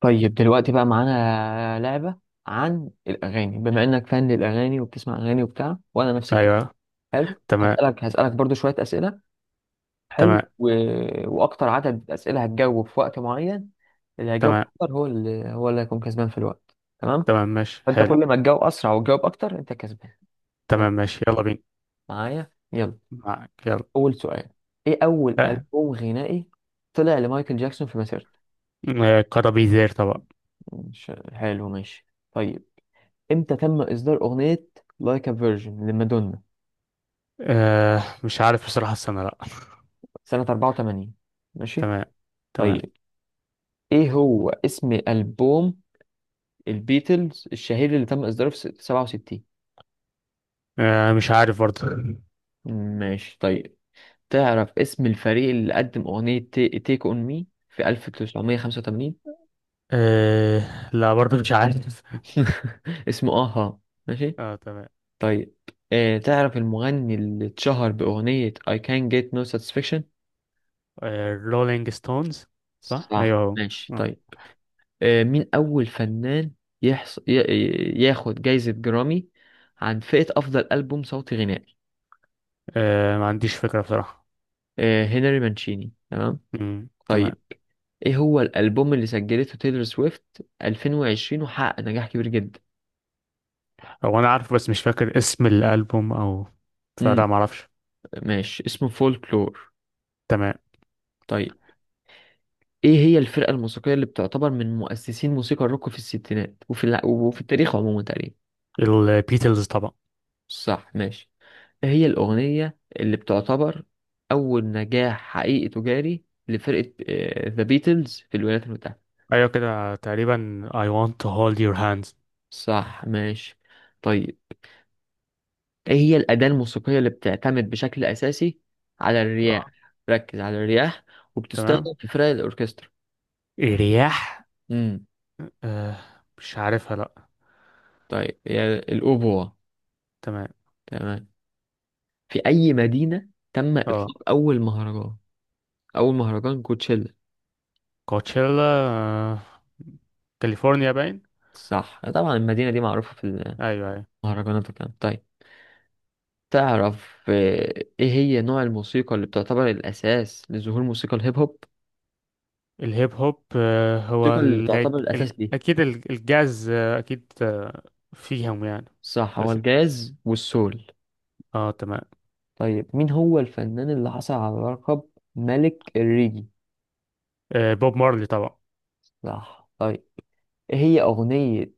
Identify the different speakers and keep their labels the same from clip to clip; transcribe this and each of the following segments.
Speaker 1: طيب دلوقتي بقى معانا لعبة عن الأغاني، بما إنك فان للأغاني وبتسمع أغاني وبتاع، وأنا نفس الكلام.
Speaker 2: ايوه.
Speaker 1: حلو،
Speaker 2: تمام.
Speaker 1: هسألك برضو شوية أسئلة. حلو
Speaker 2: تمام.
Speaker 1: و... وأكتر عدد أسئلة هتجاوب في وقت معين، اللي هيجاوب
Speaker 2: تمام.
Speaker 1: أكتر هو اللي هيكون كسبان في الوقت. تمام،
Speaker 2: تمام، ماشي،
Speaker 1: فأنت
Speaker 2: حلو.
Speaker 1: كل ما تجاوب أسرع وتجاوب أكتر أنت كسبان. يلا،
Speaker 2: تمام، ماشي، يلا بينا.
Speaker 1: معايا يلا.
Speaker 2: معاك، يلا.
Speaker 1: أول سؤال: إيه أول
Speaker 2: آه،
Speaker 1: ألبوم غنائي طلع لمايكل جاكسون في مسيرته؟
Speaker 2: آه، كرابيزير طبعا.
Speaker 1: مش حلو، ماشي. طيب، امتى تم اصدار اغنية لايك ا فيرجن لمادونا؟
Speaker 2: آه، مش عارف بصراحة السنة، لا.
Speaker 1: سنة 84. ماشي.
Speaker 2: تمام. تمام.
Speaker 1: طيب، ايه هو اسم البوم البيتلز الشهير اللي تم اصداره في 67؟
Speaker 2: آه، مش عارف برضه.
Speaker 1: ماشي. طيب، تعرف اسم الفريق اللي قدم اغنية تيك اون مي في 1985؟
Speaker 2: آه، لا برضه مش عارف.
Speaker 1: اسمه اها. ماشي.
Speaker 2: اه، تمام.
Speaker 1: طيب، تعرف المغني اللي اتشهر باغنية I can't get no satisfaction؟
Speaker 2: آه، رولينج ستونز. صح،
Speaker 1: صح،
Speaker 2: ايوه هو.
Speaker 1: ماشي.
Speaker 2: آه.
Speaker 1: طيب. مين أول فنان ياخد جايزة جرامي عن فئة أفضل ألبوم صوتي غنائي؟
Speaker 2: آه، ما عنديش فكرة بصراحة.
Speaker 1: هنري مانشيني. تمام.
Speaker 2: مم. تمام.
Speaker 1: طيب، إيه هو الألبوم اللي سجلته تايلور سويفت 2020 وحقق نجاح كبير جدا؟
Speaker 2: هو انا عارف بس مش فاكر اسم الالبوم او...
Speaker 1: امم
Speaker 2: فلا ما اعرفش.
Speaker 1: ماشي، اسمه فولكلور.
Speaker 2: تمام.
Speaker 1: طيب، إيه هي الفرقة الموسيقية اللي بتعتبر من مؤسسين موسيقى الروك في الستينات وفي التاريخ عموما تقريبا؟
Speaker 2: البيتلز طبعا.
Speaker 1: صح، ماشي. هي الأغنية اللي بتعتبر أول نجاح حقيقي تجاري لفرقة ذا بيتلز في الولايات المتحدة.
Speaker 2: ايوه، كده تقريبا I want to hold your hands.
Speaker 1: صح، ماشي. طيب، إيه هي الأداة الموسيقية اللي بتعتمد بشكل أساسي على الرياح؟
Speaker 2: آه.
Speaker 1: ركز على الرياح،
Speaker 2: تمام.
Speaker 1: وبتستخدم في فرق الأوركسترا.
Speaker 2: رياح.
Speaker 1: امم
Speaker 2: آه، مش عارفها، لا.
Speaker 1: طيب، هي الأوبوا.
Speaker 2: تمام.
Speaker 1: تمام. في أي مدينة تم
Speaker 2: اه.
Speaker 1: إطلاق أول مهرجان، أول مهرجان كوتشيلا؟
Speaker 2: كوتشيلا. آه. كاليفورنيا باين.
Speaker 1: صح طبعا، المدينة دي معروفة في
Speaker 2: ايوه، ايوه.
Speaker 1: المهرجانات وكده. طيب، تعرف ايه هي نوع الموسيقى اللي بتعتبر الاساس لظهور موسيقى الهيب هوب؟
Speaker 2: الهيب هوب، هو
Speaker 1: الموسيقى اللي بتعتبر الاساس دي.
Speaker 2: اكيد الجاز، اكيد، آه. فيهم يعني.
Speaker 1: صح، هو
Speaker 2: بس.
Speaker 1: الجاز والسول.
Speaker 2: اه، تمام.
Speaker 1: طيب، مين هو الفنان اللي حصل على لقب ملك الريجي؟
Speaker 2: آه، بوب مارلي طبعا.
Speaker 1: صح، طيب. ايه هي اغنية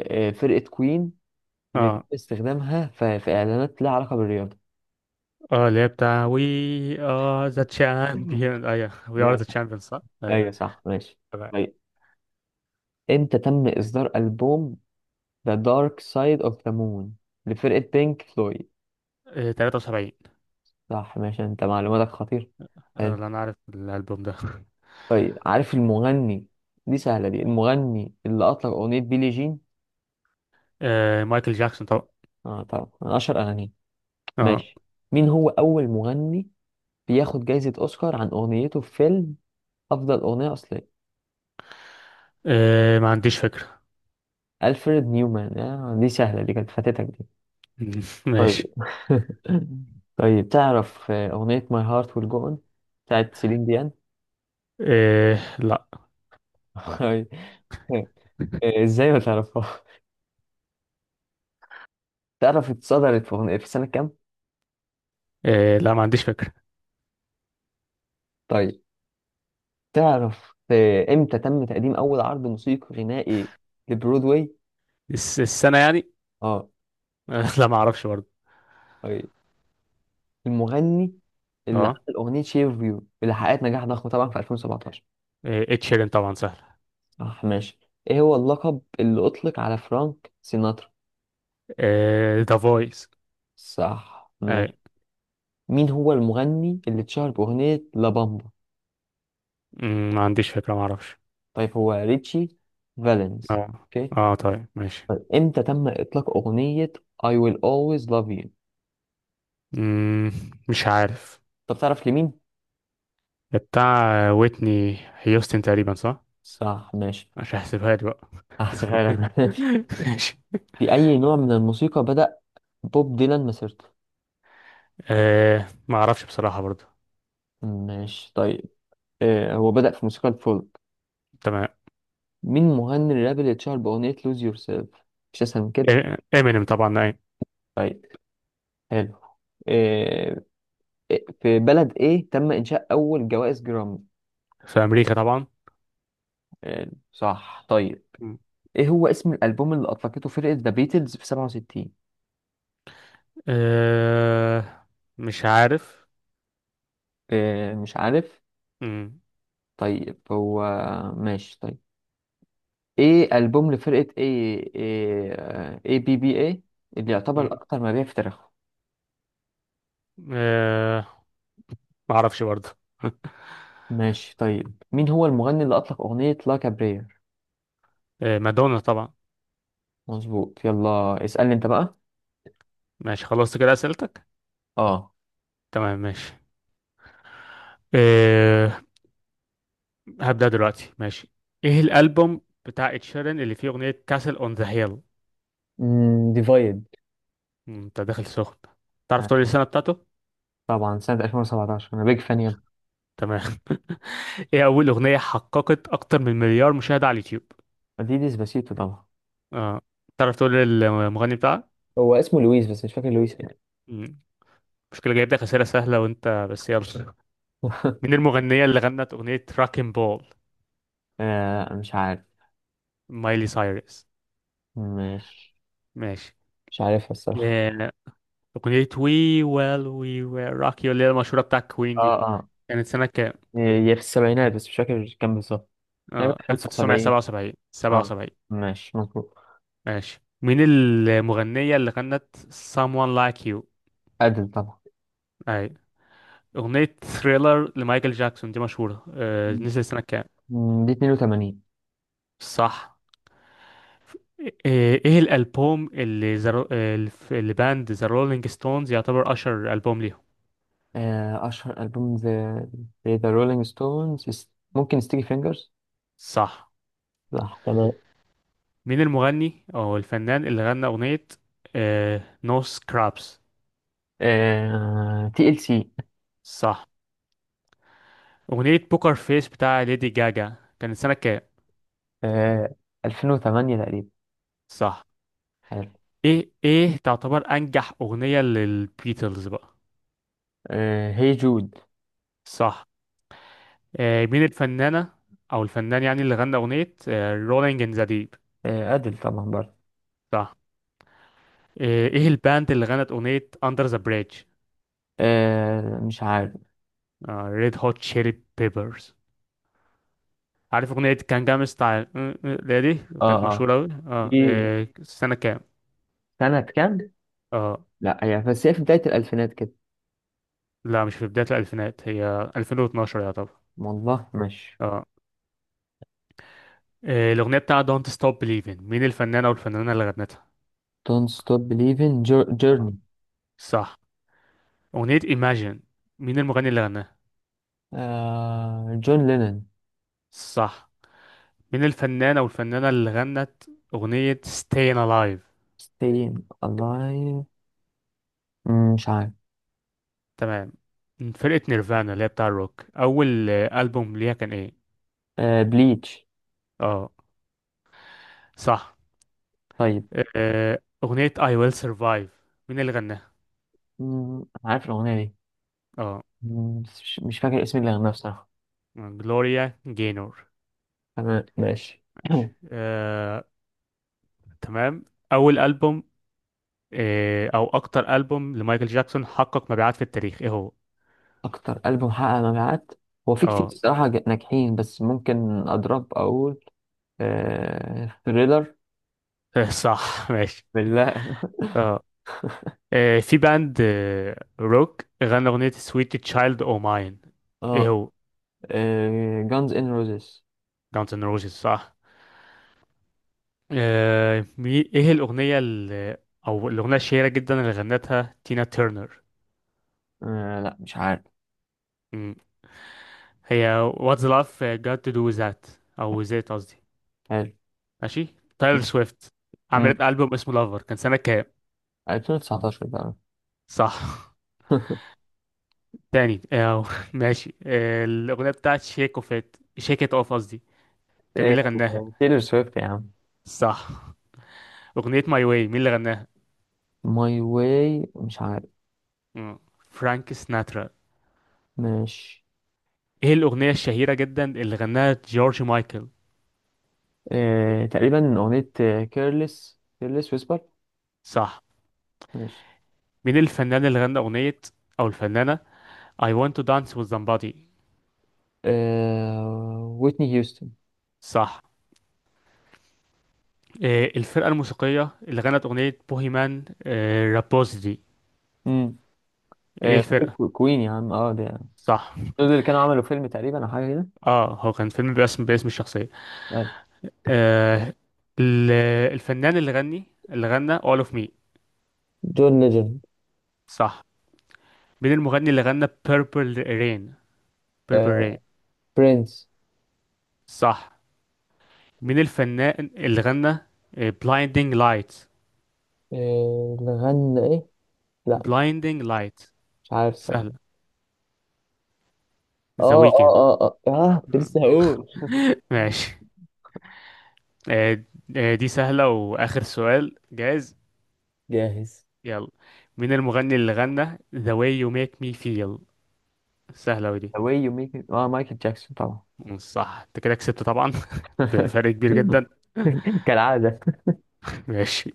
Speaker 1: فرقة كوين اللي بيتم
Speaker 2: اه،
Speaker 1: استخدامها في اعلانات لها علاقة بالرياضة؟
Speaker 2: اه، اللي هي بتاع we are the champion، ايوه we are
Speaker 1: يعني
Speaker 2: the champions، صح؟ ايوه.
Speaker 1: ايوه صح، ماشي.
Speaker 2: تمام.
Speaker 1: طيب، امتى تم اصدار البوم The Dark Side of the Moon لفرقة بينك فلويد؟
Speaker 2: آه، 73.
Speaker 1: صح، ماشي، انت معلوماتك خطير، حلو.
Speaker 2: آه، لا، انا عارف الالبوم ده.
Speaker 1: طيب، عارف المغني، دي سهلة دي، المغني اللي أطلق أغنية بيلي جين؟
Speaker 2: آه، مايكل جاكسون طبعا.
Speaker 1: اه طبعا، من أشهر أغانيه.
Speaker 2: اه.
Speaker 1: ماشي. مين هو أول مغني بياخد جايزة أوسكار عن أغنيته في فيلم أفضل أغنية أصلية؟
Speaker 2: آه، ما عنديش فكرة.
Speaker 1: ألفريد نيومان. آه دي سهلة دي، كانت فاتتك دي.
Speaker 2: ماشي.
Speaker 1: طيب طيب، تعرف أغنية My Heart Will Go On بتاعت سيلين ديان؟
Speaker 2: آه، لا.
Speaker 1: إزاي ما تعرفها؟ تعرف اتصدرت في أغنية في سنة كام؟
Speaker 2: آه، لا ما عنديش فكرة.
Speaker 1: طيب، تعرف امتى تم تقديم اول عرض موسيقي غنائي لبرودواي؟
Speaker 2: السنة يعني؟
Speaker 1: اه.
Speaker 2: آه، لا ما اعرفش برضه.
Speaker 1: آه، المغني اللي
Speaker 2: اه.
Speaker 1: عمل اغنيه شير فيو اللي حققت نجاح ضخم طبعا في 2017؟
Speaker 2: اتش شيرين طبعا، سهل.
Speaker 1: صح، ماشي. ايه هو اللقب اللي اطلق على فرانك سيناترا؟
Speaker 2: ذا فويس.
Speaker 1: صح،
Speaker 2: اي.
Speaker 1: ماشي. مين هو المغني اللي اتشهر باغنيه لابامبا؟
Speaker 2: مم، ما عنديش فكرة، ما اعرفش.
Speaker 1: طيب، هو ريتشي فالنز.
Speaker 2: اه،
Speaker 1: اوكي.
Speaker 2: اه، طيب، ماشي.
Speaker 1: طيب، امتى تم اطلاق اغنيه I will always love you؟
Speaker 2: مم، مش عارف.
Speaker 1: طب تعرف لمين؟
Speaker 2: بتاع ويتني هيوستن تقريبا، صح؟
Speaker 1: صح، ماشي.
Speaker 2: مش هحسبها لي بقى.
Speaker 1: هحسبها لك
Speaker 2: ماشي.
Speaker 1: في أي نوع من الموسيقى بدأ بوب ديلان مسيرته؟
Speaker 2: آه، ما اعرفش بصراحة برضه.
Speaker 1: ماشي، طيب. هو بدأ في موسيقى الفولك.
Speaker 2: تمام.
Speaker 1: مين مغني الراب اللي اتشهر بأغنية لوز يور سيلف؟ مش أسهل من كده.
Speaker 2: امينيم طبعا، اي.
Speaker 1: طيب، حلو. آه في بلد إيه تم إنشاء أول جوائز جرامي؟
Speaker 2: في امريكا طبعا.
Speaker 1: آه صح، طيب.
Speaker 2: مم.
Speaker 1: إيه هو اسم الألبوم اللي أطلقته فرقة ذا بيتلز في 67؟
Speaker 2: أه، مش عارف.
Speaker 1: آه مش عارف.
Speaker 2: مم.
Speaker 1: طيب هو، ماشي. طيب، إيه ألبوم لفرقة إيه، إيه بي بي إيه، اللي يعتبر
Speaker 2: مم.
Speaker 1: الأكثر مبيع في تاريخه؟
Speaker 2: أه، ما اعرفش برضه.
Speaker 1: ماشي. طيب، مين هو المغني اللي أطلق أغنية لا كابرير؟
Speaker 2: أه، مادونا طبعا.
Speaker 1: مظبوط. يلا اسألني أنت بقى.
Speaker 2: ماشي، خلصت كده اسئلتك؟
Speaker 1: اه،
Speaker 2: تمام، ماشي. أه، هبدأ دلوقتي، ماشي. ايه الالبوم بتاع ed sheeran اللي فيه اغنية كاسل اون ذا هيل؟
Speaker 1: ديفايد
Speaker 2: انت داخل سخن. تعرف تقول لي السنة بتاعته؟
Speaker 1: طبعا. سنة 2017، أنا بيج فان يا.
Speaker 2: تمام. ايه اول اغنية حققت اكتر من مليار مشاهدة على اليوتيوب؟
Speaker 1: دي ديسباسيتو طبعا.
Speaker 2: اه. تعرف تقول لي المغني بتاعها؟
Speaker 1: هو اسمه لويس بس مش فاكر لويس ايه.
Speaker 2: مشكلة، جايب لك أسئلة سهلة وأنت بس، يلا. مين المغنية اللي غنت أغنية راكن بول؟
Speaker 1: مش عارف.
Speaker 2: مايلي سايرس.
Speaker 1: ماشي،
Speaker 2: ماشي.
Speaker 1: مش عارفها الصراحة.
Speaker 2: آه، أغنية وي ويل وي ويل روك يو اللي هي المشهورة بتاع كوين
Speaker 1: اه
Speaker 2: دي،
Speaker 1: اه.
Speaker 2: كانت سنة كام؟
Speaker 1: هي في السبعينات بس مش فاكر كام بالظبط،
Speaker 2: اه،
Speaker 1: تقريبا 75.
Speaker 2: 1977،
Speaker 1: اه،
Speaker 2: 77.
Speaker 1: ماشي مظبوط.
Speaker 2: ماشي. مين المغنية اللي غنت Someone Like You؟
Speaker 1: أدل طبعا.
Speaker 2: أي. أغنية ثريلر لمايكل جاكسون دي مشهورة، نزلت سنة كام؟
Speaker 1: دي 82.
Speaker 2: صح. إيه الالبوم اللي باند ذا رولينج ستونز يعتبر اشهر البوم ليهم؟
Speaker 1: أشهر ألبوم ذا رولينج ستونز، ممكن ستيكي فينجرز.
Speaker 2: صح.
Speaker 1: صح، تمام.
Speaker 2: مين المغني او الفنان اللي غنى اغنية نو سكرابس؟
Speaker 1: تي ال سي.
Speaker 2: صح. اغنية بوكر فيس بتاع ليدي جاجا كانت سنة كام؟
Speaker 1: 2008 تقريبا.
Speaker 2: صح. ايه تعتبر انجح اغنية للبيتلز بقى؟
Speaker 1: هي جود.
Speaker 2: صح. مين الفنانة او الفنان، يعني، اللي غنى اغنية رولينج ان ذا ديب؟
Speaker 1: أدل طبعا برضه.
Speaker 2: صح. إيه الباند اللي غنت أغنية Under the Bridge؟
Speaker 1: مش عارف.
Speaker 2: آه، ريد هوت تشيلي بيبرز. عارف اغنيه كان جامس بتاع اللي هي دي؟
Speaker 1: اه
Speaker 2: كانت
Speaker 1: اه.
Speaker 2: مشهوره قوي،
Speaker 1: دي
Speaker 2: اه إيه، سنه كام؟
Speaker 1: سنة كام؟
Speaker 2: اه.
Speaker 1: لا، هي بس هي في بداية الألفينات كده.
Speaker 2: لا، مش في بدايه الالفينات، هي 2012 يعتبر.
Speaker 1: والله ماشي.
Speaker 2: اه. الاغنيه بتاع دونت ستوب بليفين، مين الفنان او الفنانه اللي غنتها؟
Speaker 1: Don't Stop Believing.
Speaker 2: آه.
Speaker 1: Journey.
Speaker 2: صح. اغنيه ايماجين، مين المغني اللي غناها؟
Speaker 1: جون لينن.
Speaker 2: صح. مين الفنان او الفنانه اللي غنت اغنيه ستاين الايف؟
Speaker 1: Staying Alive. مش عارف.
Speaker 2: تمام. فرقه نيرفانا اللي هي بتاع الروك، اول البوم ليها كان ايه؟
Speaker 1: بليتش.
Speaker 2: اه. صح.
Speaker 1: طيب.
Speaker 2: آه، أغنية I will survive، مين اللي غناها؟
Speaker 1: عارف الأغنية دي.
Speaker 2: اه.
Speaker 1: بس مش فاكر اسم اللي غناه بصراحة.
Speaker 2: جلوريا جاynor.
Speaker 1: تمام، ماشي
Speaker 2: ماشي، آه، تمام. أول ألبوم، أو أكتر ألبوم لمايكل جاكسون حقق مبيعات في التاريخ، إيه هو؟
Speaker 1: أكتر ألبوم حقق مبيعات هو في كتير
Speaker 2: اه.
Speaker 1: الصراحة ناجحين، بس ممكن أضرب أقول ثريلر.
Speaker 2: آه، صح، ماشي.
Speaker 1: بالله
Speaker 2: اه. آه، في باند روك غنى أغنية Sweet Child O' Mine، إيه
Speaker 1: اه،
Speaker 2: هو؟
Speaker 1: جانز إن روزيس.
Speaker 2: Guns N' Roses، صح. آه، إيه الأغنية اللي، أو الأغنية الشهيرة جدا اللي غنتها تينا تيرنر؟
Speaker 1: لا مش عارف.
Speaker 2: هي What's Love Got to Do With That، أو That قصدي.
Speaker 1: حلو.
Speaker 2: ماشي. تايلور سويفت
Speaker 1: مم،
Speaker 2: عملت ألبوم اسمه لافر، كان سنة كام؟
Speaker 1: 2019 بقى
Speaker 2: صح. تاني، أو ماشي، الأغنية بتاعت شيك ات اوف قصدي، كان مين
Speaker 1: إيه،
Speaker 2: اللي غناها؟
Speaker 1: تايلور سويفت يا عم.
Speaker 2: صح. أغنية ماي واي، مين اللي غناها؟
Speaker 1: ماي واي، مش عارف.
Speaker 2: مم. فرانك سناترا.
Speaker 1: ماشي.
Speaker 2: ايه الأغنية الشهيرة جدا اللي غناها جورج مايكل؟
Speaker 1: تقريبا أغنية كيرلس ويسبر.
Speaker 2: صح. مين الفنان اللي غنى أغنية، أو الفنانة، I want to dance with somebody؟
Speaker 1: ويتني هيوستن.
Speaker 2: صح. آه، الفرقة الموسيقية اللي غنت أغنية بوهيمان رابوزي دي؟
Speaker 1: امم
Speaker 2: ايه
Speaker 1: فاكر
Speaker 2: الفرقة؟
Speaker 1: كوين يا عم، اه ده،
Speaker 2: صح.
Speaker 1: دول اللي كانوا عملوا فيلم تقريبا او حاجه كده.
Speaker 2: اه، هو كان فيلم باسم الشخصية.
Speaker 1: أيوة.
Speaker 2: آه، ال- الفنان اللي غنى All of Me؟
Speaker 1: جون ليجند.
Speaker 2: صح. مين المغني اللي غنى Purple Rain، Purple Rain؟
Speaker 1: آه... برنس.
Speaker 2: صح. مين الفنان اللي غنى Blinding Light،
Speaker 1: اللي غنى ايه؟ لا مش
Speaker 2: Blinding Light؟
Speaker 1: مش عارف
Speaker 2: سهلة.
Speaker 1: الصراحه.
Speaker 2: The Weeknd.
Speaker 1: اه كنت لسه هقول.
Speaker 2: ماشي. آه، آه، دي سهلة وآخر سؤال، جاهز؟
Speaker 1: جاهز.
Speaker 2: يلا. مين المغني اللي غنى The way you make me feel؟ سهلة ودي.
Speaker 1: The way you make it، اه مايكل جاكسون طبعا.
Speaker 2: مم، صح، انت كده كسبت طبعا. بفرق كبير جدا.
Speaker 1: كالعادة.
Speaker 2: ماشي.